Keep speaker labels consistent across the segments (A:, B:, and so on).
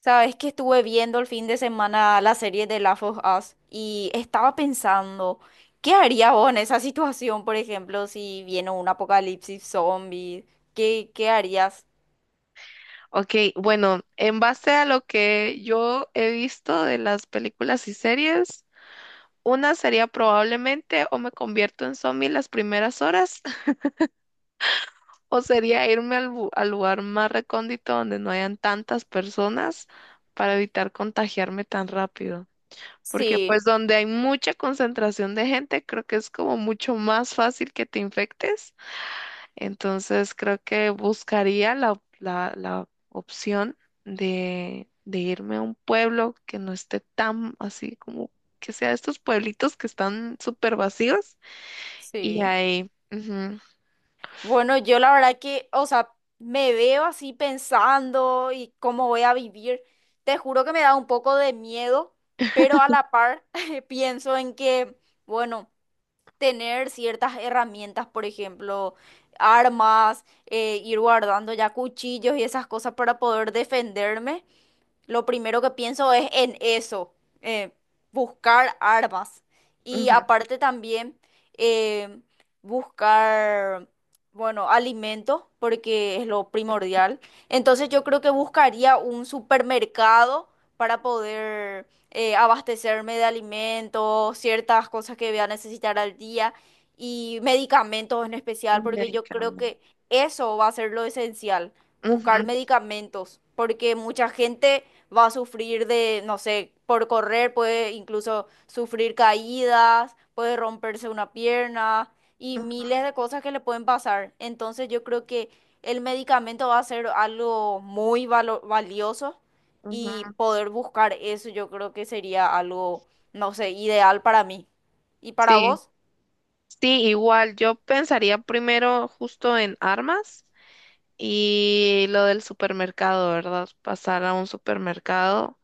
A: Sabes que estuve viendo el fin de semana la serie de Last of Us y estaba pensando, ¿qué haría vos en esa situación, por ejemplo, si viene un apocalipsis zombie? ¿Qué, qué harías?
B: Ok, bueno, en base a lo que yo he visto de las películas y series, una sería probablemente o me convierto en zombie las primeras horas, o sería irme al, al lugar más recóndito donde no hayan tantas personas para evitar contagiarme tan rápido. Porque
A: Sí,
B: pues donde hay mucha concentración de gente, creo que es como mucho más fácil que te infectes. Entonces creo que buscaría la opción de irme a un pueblo que no esté tan así como que sea estos pueblitos que están súper vacíos y
A: sí.
B: ahí, ujú,
A: Bueno, yo la verdad que, o sea, me veo así pensando y cómo voy a vivir. Te juro que me da un poco de miedo, pero a la par pienso en que, bueno, tener ciertas herramientas, por ejemplo, armas, ir guardando ya cuchillos y esas cosas para poder defenderme. Lo primero que pienso es en eso, eh, buscar armas. Y
B: ujú,
A: aparte también eh, buscar, bueno, alimentos, porque es lo primordial. Entonces yo creo que buscaría un supermercado para poder abastecerme de alimentos, ciertas cosas que voy a necesitar al día y medicamentos en especial,
B: y
A: porque
B: ahí
A: yo creo
B: cambio.
A: que eso va a ser lo esencial,
B: Ujú,
A: buscar medicamentos, porque mucha gente va a sufrir de, no sé, por correr puede incluso sufrir caídas, puede romperse una pierna y
B: ujú,
A: miles de cosas que le pueden pasar. Entonces yo creo que el medicamento va a ser algo muy valioso
B: ujú.
A: y poder buscar eso yo creo que sería algo, no sé, ideal para mí. ¿Y para
B: Sí,
A: vos?
B: sí, igual yo pensaría primero justo en armas y lo del supermercado, ¿verdad? Pasar a un supermercado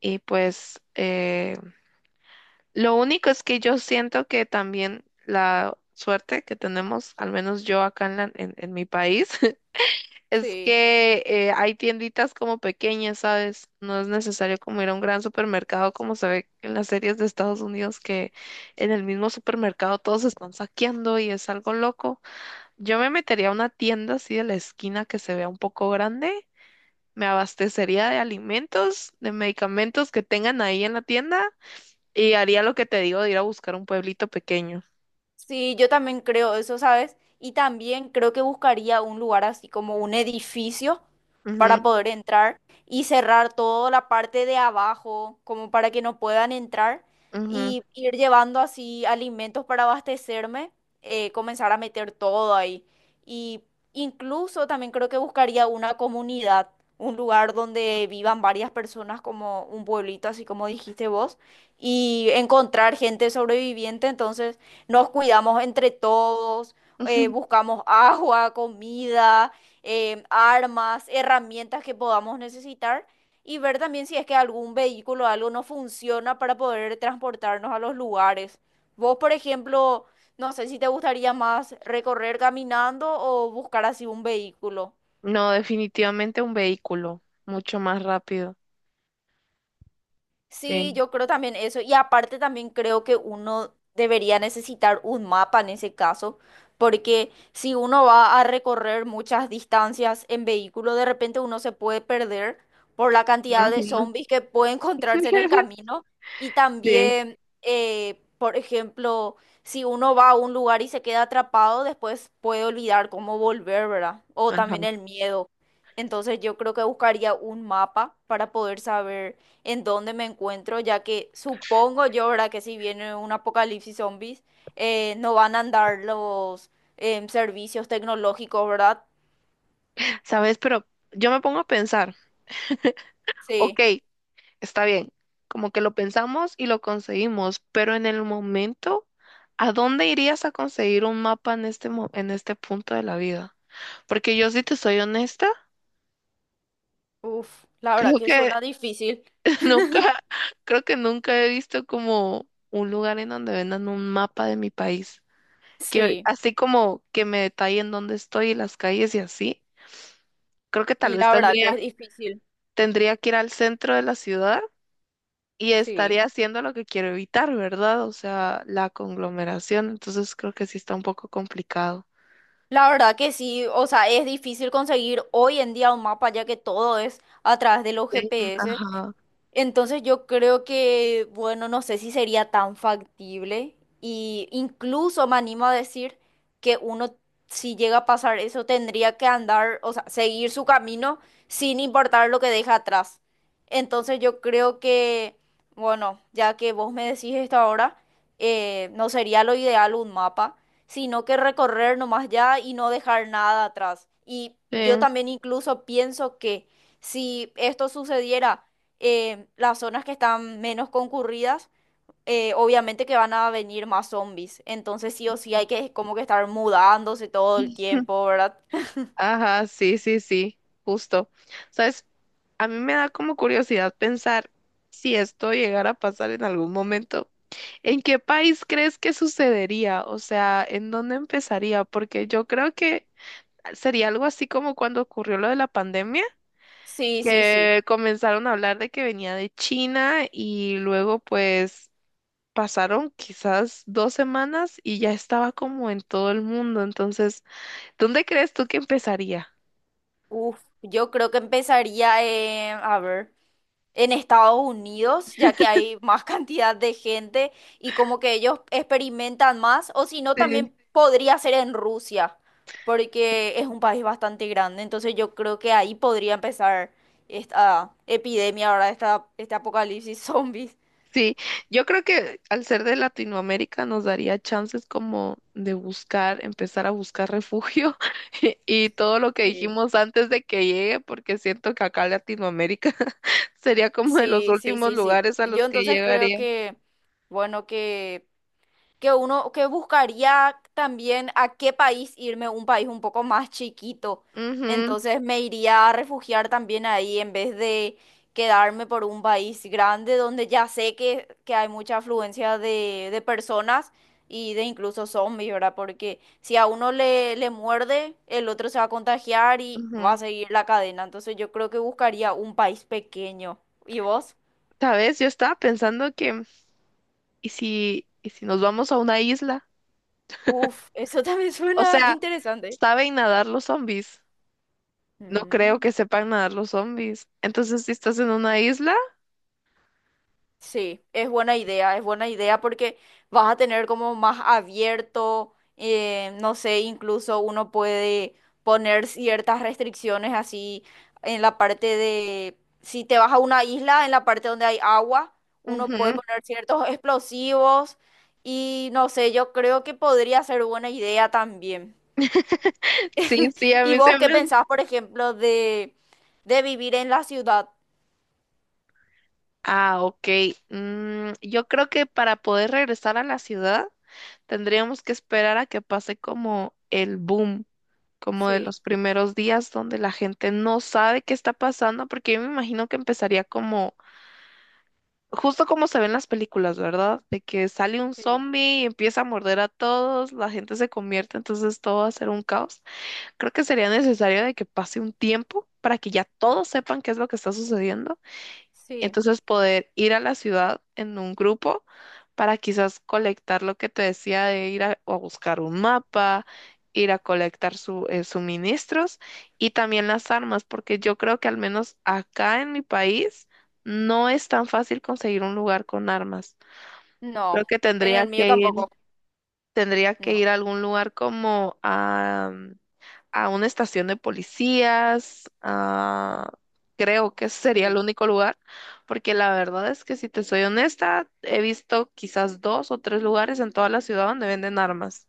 B: y pues... lo único es que yo siento que también la suerte que tenemos, al menos yo acá en, en mi país, es
A: Sí.
B: que hay tienditas como pequeñas, ¿sabes? No es necesario como ir a un gran supermercado como se ve en las series de Estados Unidos, que en el mismo supermercado todos están saqueando y es algo loco. Yo me metería a una tienda así de la esquina que se vea un poco grande, me abastecería de alimentos, de medicamentos que tengan ahí en la tienda. Y haría lo que te digo de ir a buscar un pueblito pequeño.
A: Sí, yo también creo eso, ¿sabes? Y también creo que buscaría un lugar así como un edificio para
B: Ujú,
A: poder entrar y cerrar toda la parte de abajo, como para que no puedan entrar
B: ujú,
A: y ir llevando así alimentos para abastecerme, comenzar a meter todo ahí. Y incluso también creo que buscaría una comunidad, un lugar donde vivan varias personas como un pueblito, así como dijiste vos, y encontrar gente sobreviviente, entonces nos cuidamos entre todos,
B: ujú.
A: buscamos agua, comida, armas, herramientas que podamos necesitar y ver también si es que algún vehículo o algo no funciona para poder transportarnos a los lugares. Vos, por ejemplo, no sé si te gustaría más recorrer caminando o buscar así un vehículo.
B: No, definitivamente un vehículo, mucho más rápido.
A: Sí,
B: Sí.
A: yo creo también eso. Y aparte también creo que uno debería necesitar un mapa en ese caso, porque si uno va a recorrer muchas distancias en vehículo, de repente uno se puede perder por la cantidad de
B: Ujú.
A: zombies que puede encontrarse en el camino. Y
B: Sí.
A: también, por ejemplo, si uno va a un lugar y se queda atrapado, después puede olvidar cómo volver, ¿verdad? O
B: Ajá.
A: también el miedo. Entonces yo creo que buscaría un mapa para poder saber en dónde me encuentro, ya que supongo yo, ¿verdad? Que si viene un apocalipsis zombies, no van a andar los servicios tecnológicos, ¿verdad?
B: ¿Sabes? Pero yo me pongo a pensar, ok,
A: Sí.
B: está bien, como que lo pensamos y lo conseguimos, pero en el momento, ¿a dónde irías a conseguir un mapa en este, en este punto de la vida? Porque yo, si te soy honesta,
A: Uf, la verdad
B: creo
A: que
B: que
A: suena difícil.
B: nunca, creo que nunca he visto como un lugar en donde vendan un mapa de mi país. Que
A: Sí.
B: así como que me detallen dónde estoy y las calles y así. Creo que tal
A: Y
B: vez
A: la verdad que es
B: tendría,
A: difícil.
B: tendría que ir al centro de la ciudad y
A: Sí.
B: estaría haciendo lo que quiero evitar, ¿verdad? O sea, la conglomeración. Entonces creo que sí está un poco complicado.
A: La verdad que sí, o sea, es difícil conseguir hoy en día un mapa, ya que todo es a través de los
B: Sí.
A: GPS.
B: Ajá.
A: Entonces yo creo que, bueno, no sé si sería tan factible y incluso me animo a decir que uno, si llega a pasar eso, tendría que andar, o sea, seguir su camino sin importar lo que deja atrás. Entonces yo creo que, bueno, ya que vos me decís esto ahora, no sería lo ideal un mapa, sino que recorrer nomás ya y no dejar nada atrás. Y
B: Sí.
A: yo también incluso pienso que si esto sucediera, las zonas que están menos concurridas, obviamente que van a venir más zombies. Entonces sí o sí hay que como que estar mudándose todo el tiempo, ¿verdad?
B: Ajá, sí, sí, sí, justo. ¿Sabes? A mí me da como curiosidad pensar si esto llegara a pasar en algún momento. ¿En qué país crees que sucedería? O sea, ¿en dónde empezaría? Porque yo creo que sería algo así como cuando ocurrió lo de la pandemia,
A: Sí, sí, sí.
B: que comenzaron a hablar de que venía de China y luego pues pasaron quizás 2 semanas y ya estaba como en todo el mundo. Entonces, ¿dónde crees tú que empezaría?
A: Uf, yo creo que empezaría, a ver, en Estados Unidos, ya que hay más cantidad de gente y como que ellos experimentan más, o si no,
B: Sí.
A: también podría ser en Rusia, porque es un país bastante grande, entonces yo creo que ahí podría empezar esta epidemia, ahora esta, este apocalipsis zombies.
B: Sí, yo creo que al ser de Latinoamérica nos daría chances como de buscar, empezar a buscar refugio y todo lo que
A: Sí.
B: dijimos antes de que llegue, porque siento que acá Latinoamérica sería como de los
A: Sí, sí,
B: últimos
A: sí, sí.
B: lugares a
A: Yo
B: los que
A: entonces creo
B: llegaría.
A: que, bueno, que uno que buscaría también a qué país irme, un país un poco más chiquito.
B: Ujú,
A: Entonces me iría a refugiar también ahí en vez de quedarme por un país grande donde ya sé que hay mucha afluencia de personas y de incluso zombies, ¿verdad? Porque si a uno le, le muerde, el otro se va a contagiar y va
B: ujú.
A: a seguir la cadena. Entonces yo creo que buscaría un país pequeño. ¿Y vos?
B: ¿Sabes? Yo estaba pensando que, y si nos vamos a una isla?
A: Uf, eso también
B: O
A: suena
B: sea,
A: interesante.
B: ¿saben nadar los zombies? No creo
A: Mm.
B: que sepan nadar los zombies. Entonces, si estás en una isla,
A: Sí, es buena idea porque vas a tener como más abierto, no sé, incluso uno puede poner ciertas restricciones así en la parte de, si te vas a una isla, en la parte donde hay agua, uno puede
B: ujú,
A: poner ciertos explosivos y no sé, yo creo que podría ser buena idea también.
B: sí, sí, a
A: ¿Y
B: mí se
A: vos qué
B: me...
A: pensás, por ejemplo, de vivir en la ciudad?
B: Ah, ok. Mm, yo creo que para poder regresar a la ciudad tendríamos que esperar a que pase como el boom, como de
A: Sí,
B: los primeros días donde la gente no sabe qué está pasando, porque yo me imagino que empezaría como, justo como se ven las películas, ¿verdad? De que sale un
A: sí,
B: zombie y empieza a morder a todos, la gente se convierte, entonces todo va a ser un caos. Creo que sería necesario de que pase un tiempo para que ya todos sepan qué es lo que está sucediendo.
A: sí.
B: Entonces poder ir a la ciudad en un grupo para quizás colectar lo que te decía de ir a buscar un mapa, ir a colectar su, suministros y también las armas, porque yo creo que al menos acá en mi país no es tan fácil conseguir un lugar con armas. Creo
A: No,
B: que
A: en
B: tendría
A: el mío
B: que ir,
A: tampoco.
B: tendría que
A: No.
B: ir a algún lugar como a, mm, a una estación de policías, creo que ese sería el
A: Sí.
B: único lugar, porque la verdad es que si te soy honesta, he visto quizás 2 o 3 lugares en toda la ciudad donde venden armas.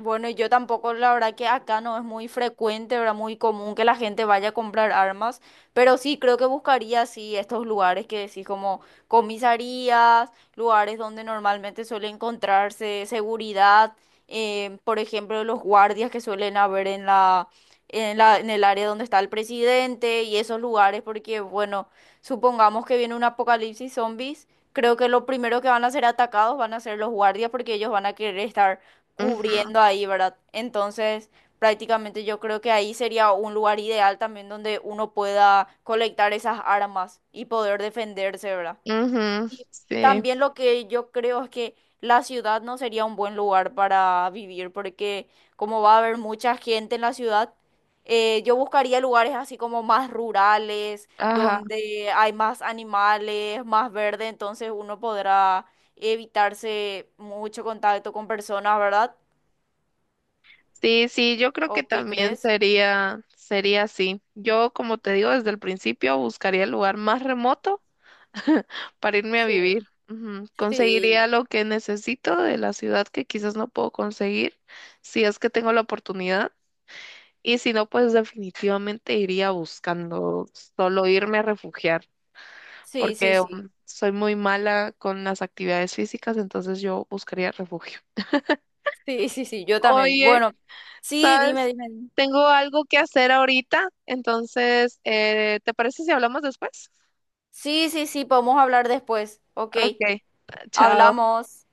A: Bueno, y yo tampoco, la verdad que acá no es muy frecuente, ¿verdad? Muy común que la gente vaya a comprar armas, pero sí creo que buscaría, sí, estos lugares que decís como comisarías, lugares donde normalmente suele encontrarse seguridad, por ejemplo, los guardias que suelen haber en la, en la, en el área donde está el presidente y esos lugares, porque bueno, supongamos que viene un apocalipsis zombies. Creo que lo primero que van a ser atacados van a ser los guardias porque ellos van a querer estar
B: Ujú,
A: cubriendo ahí, ¿verdad? Entonces, prácticamente yo creo que ahí sería un lugar ideal también donde uno pueda colectar esas armas y poder defenderse, ¿verdad?
B: ujú,
A: Y
B: sí,
A: también lo que yo creo es que la ciudad no sería un buen lugar para vivir porque como va a haber mucha gente en la ciudad, yo buscaría lugares así como más rurales,
B: ajá.
A: donde hay más animales, más verde, entonces uno podrá evitarse mucho contacto con personas, ¿verdad?
B: Sí, sí, yo creo que
A: ¿O qué
B: también
A: crees?
B: sería, sería así. Yo, como te digo, desde el principio buscaría el lugar más remoto para irme a
A: Sí,
B: vivir. Ujú.
A: sí,
B: Conseguiría lo que necesito de la ciudad que quizás no puedo conseguir si es que tengo la oportunidad. Y si no, pues definitivamente iría buscando solo irme a refugiar,
A: sí, sí,
B: porque
A: sí.
B: soy muy mala con las actividades físicas, entonces yo buscaría refugio.
A: Sí, sí, sí, yo también.
B: Oye,
A: Bueno, sí, dime,
B: ¿sabes?
A: dime, dime.
B: Tengo algo que hacer ahorita, entonces, ¿te parece si hablamos después?
A: Sí, sí, sí, podemos hablar después. Ok,
B: Ok, chao.
A: hablamos.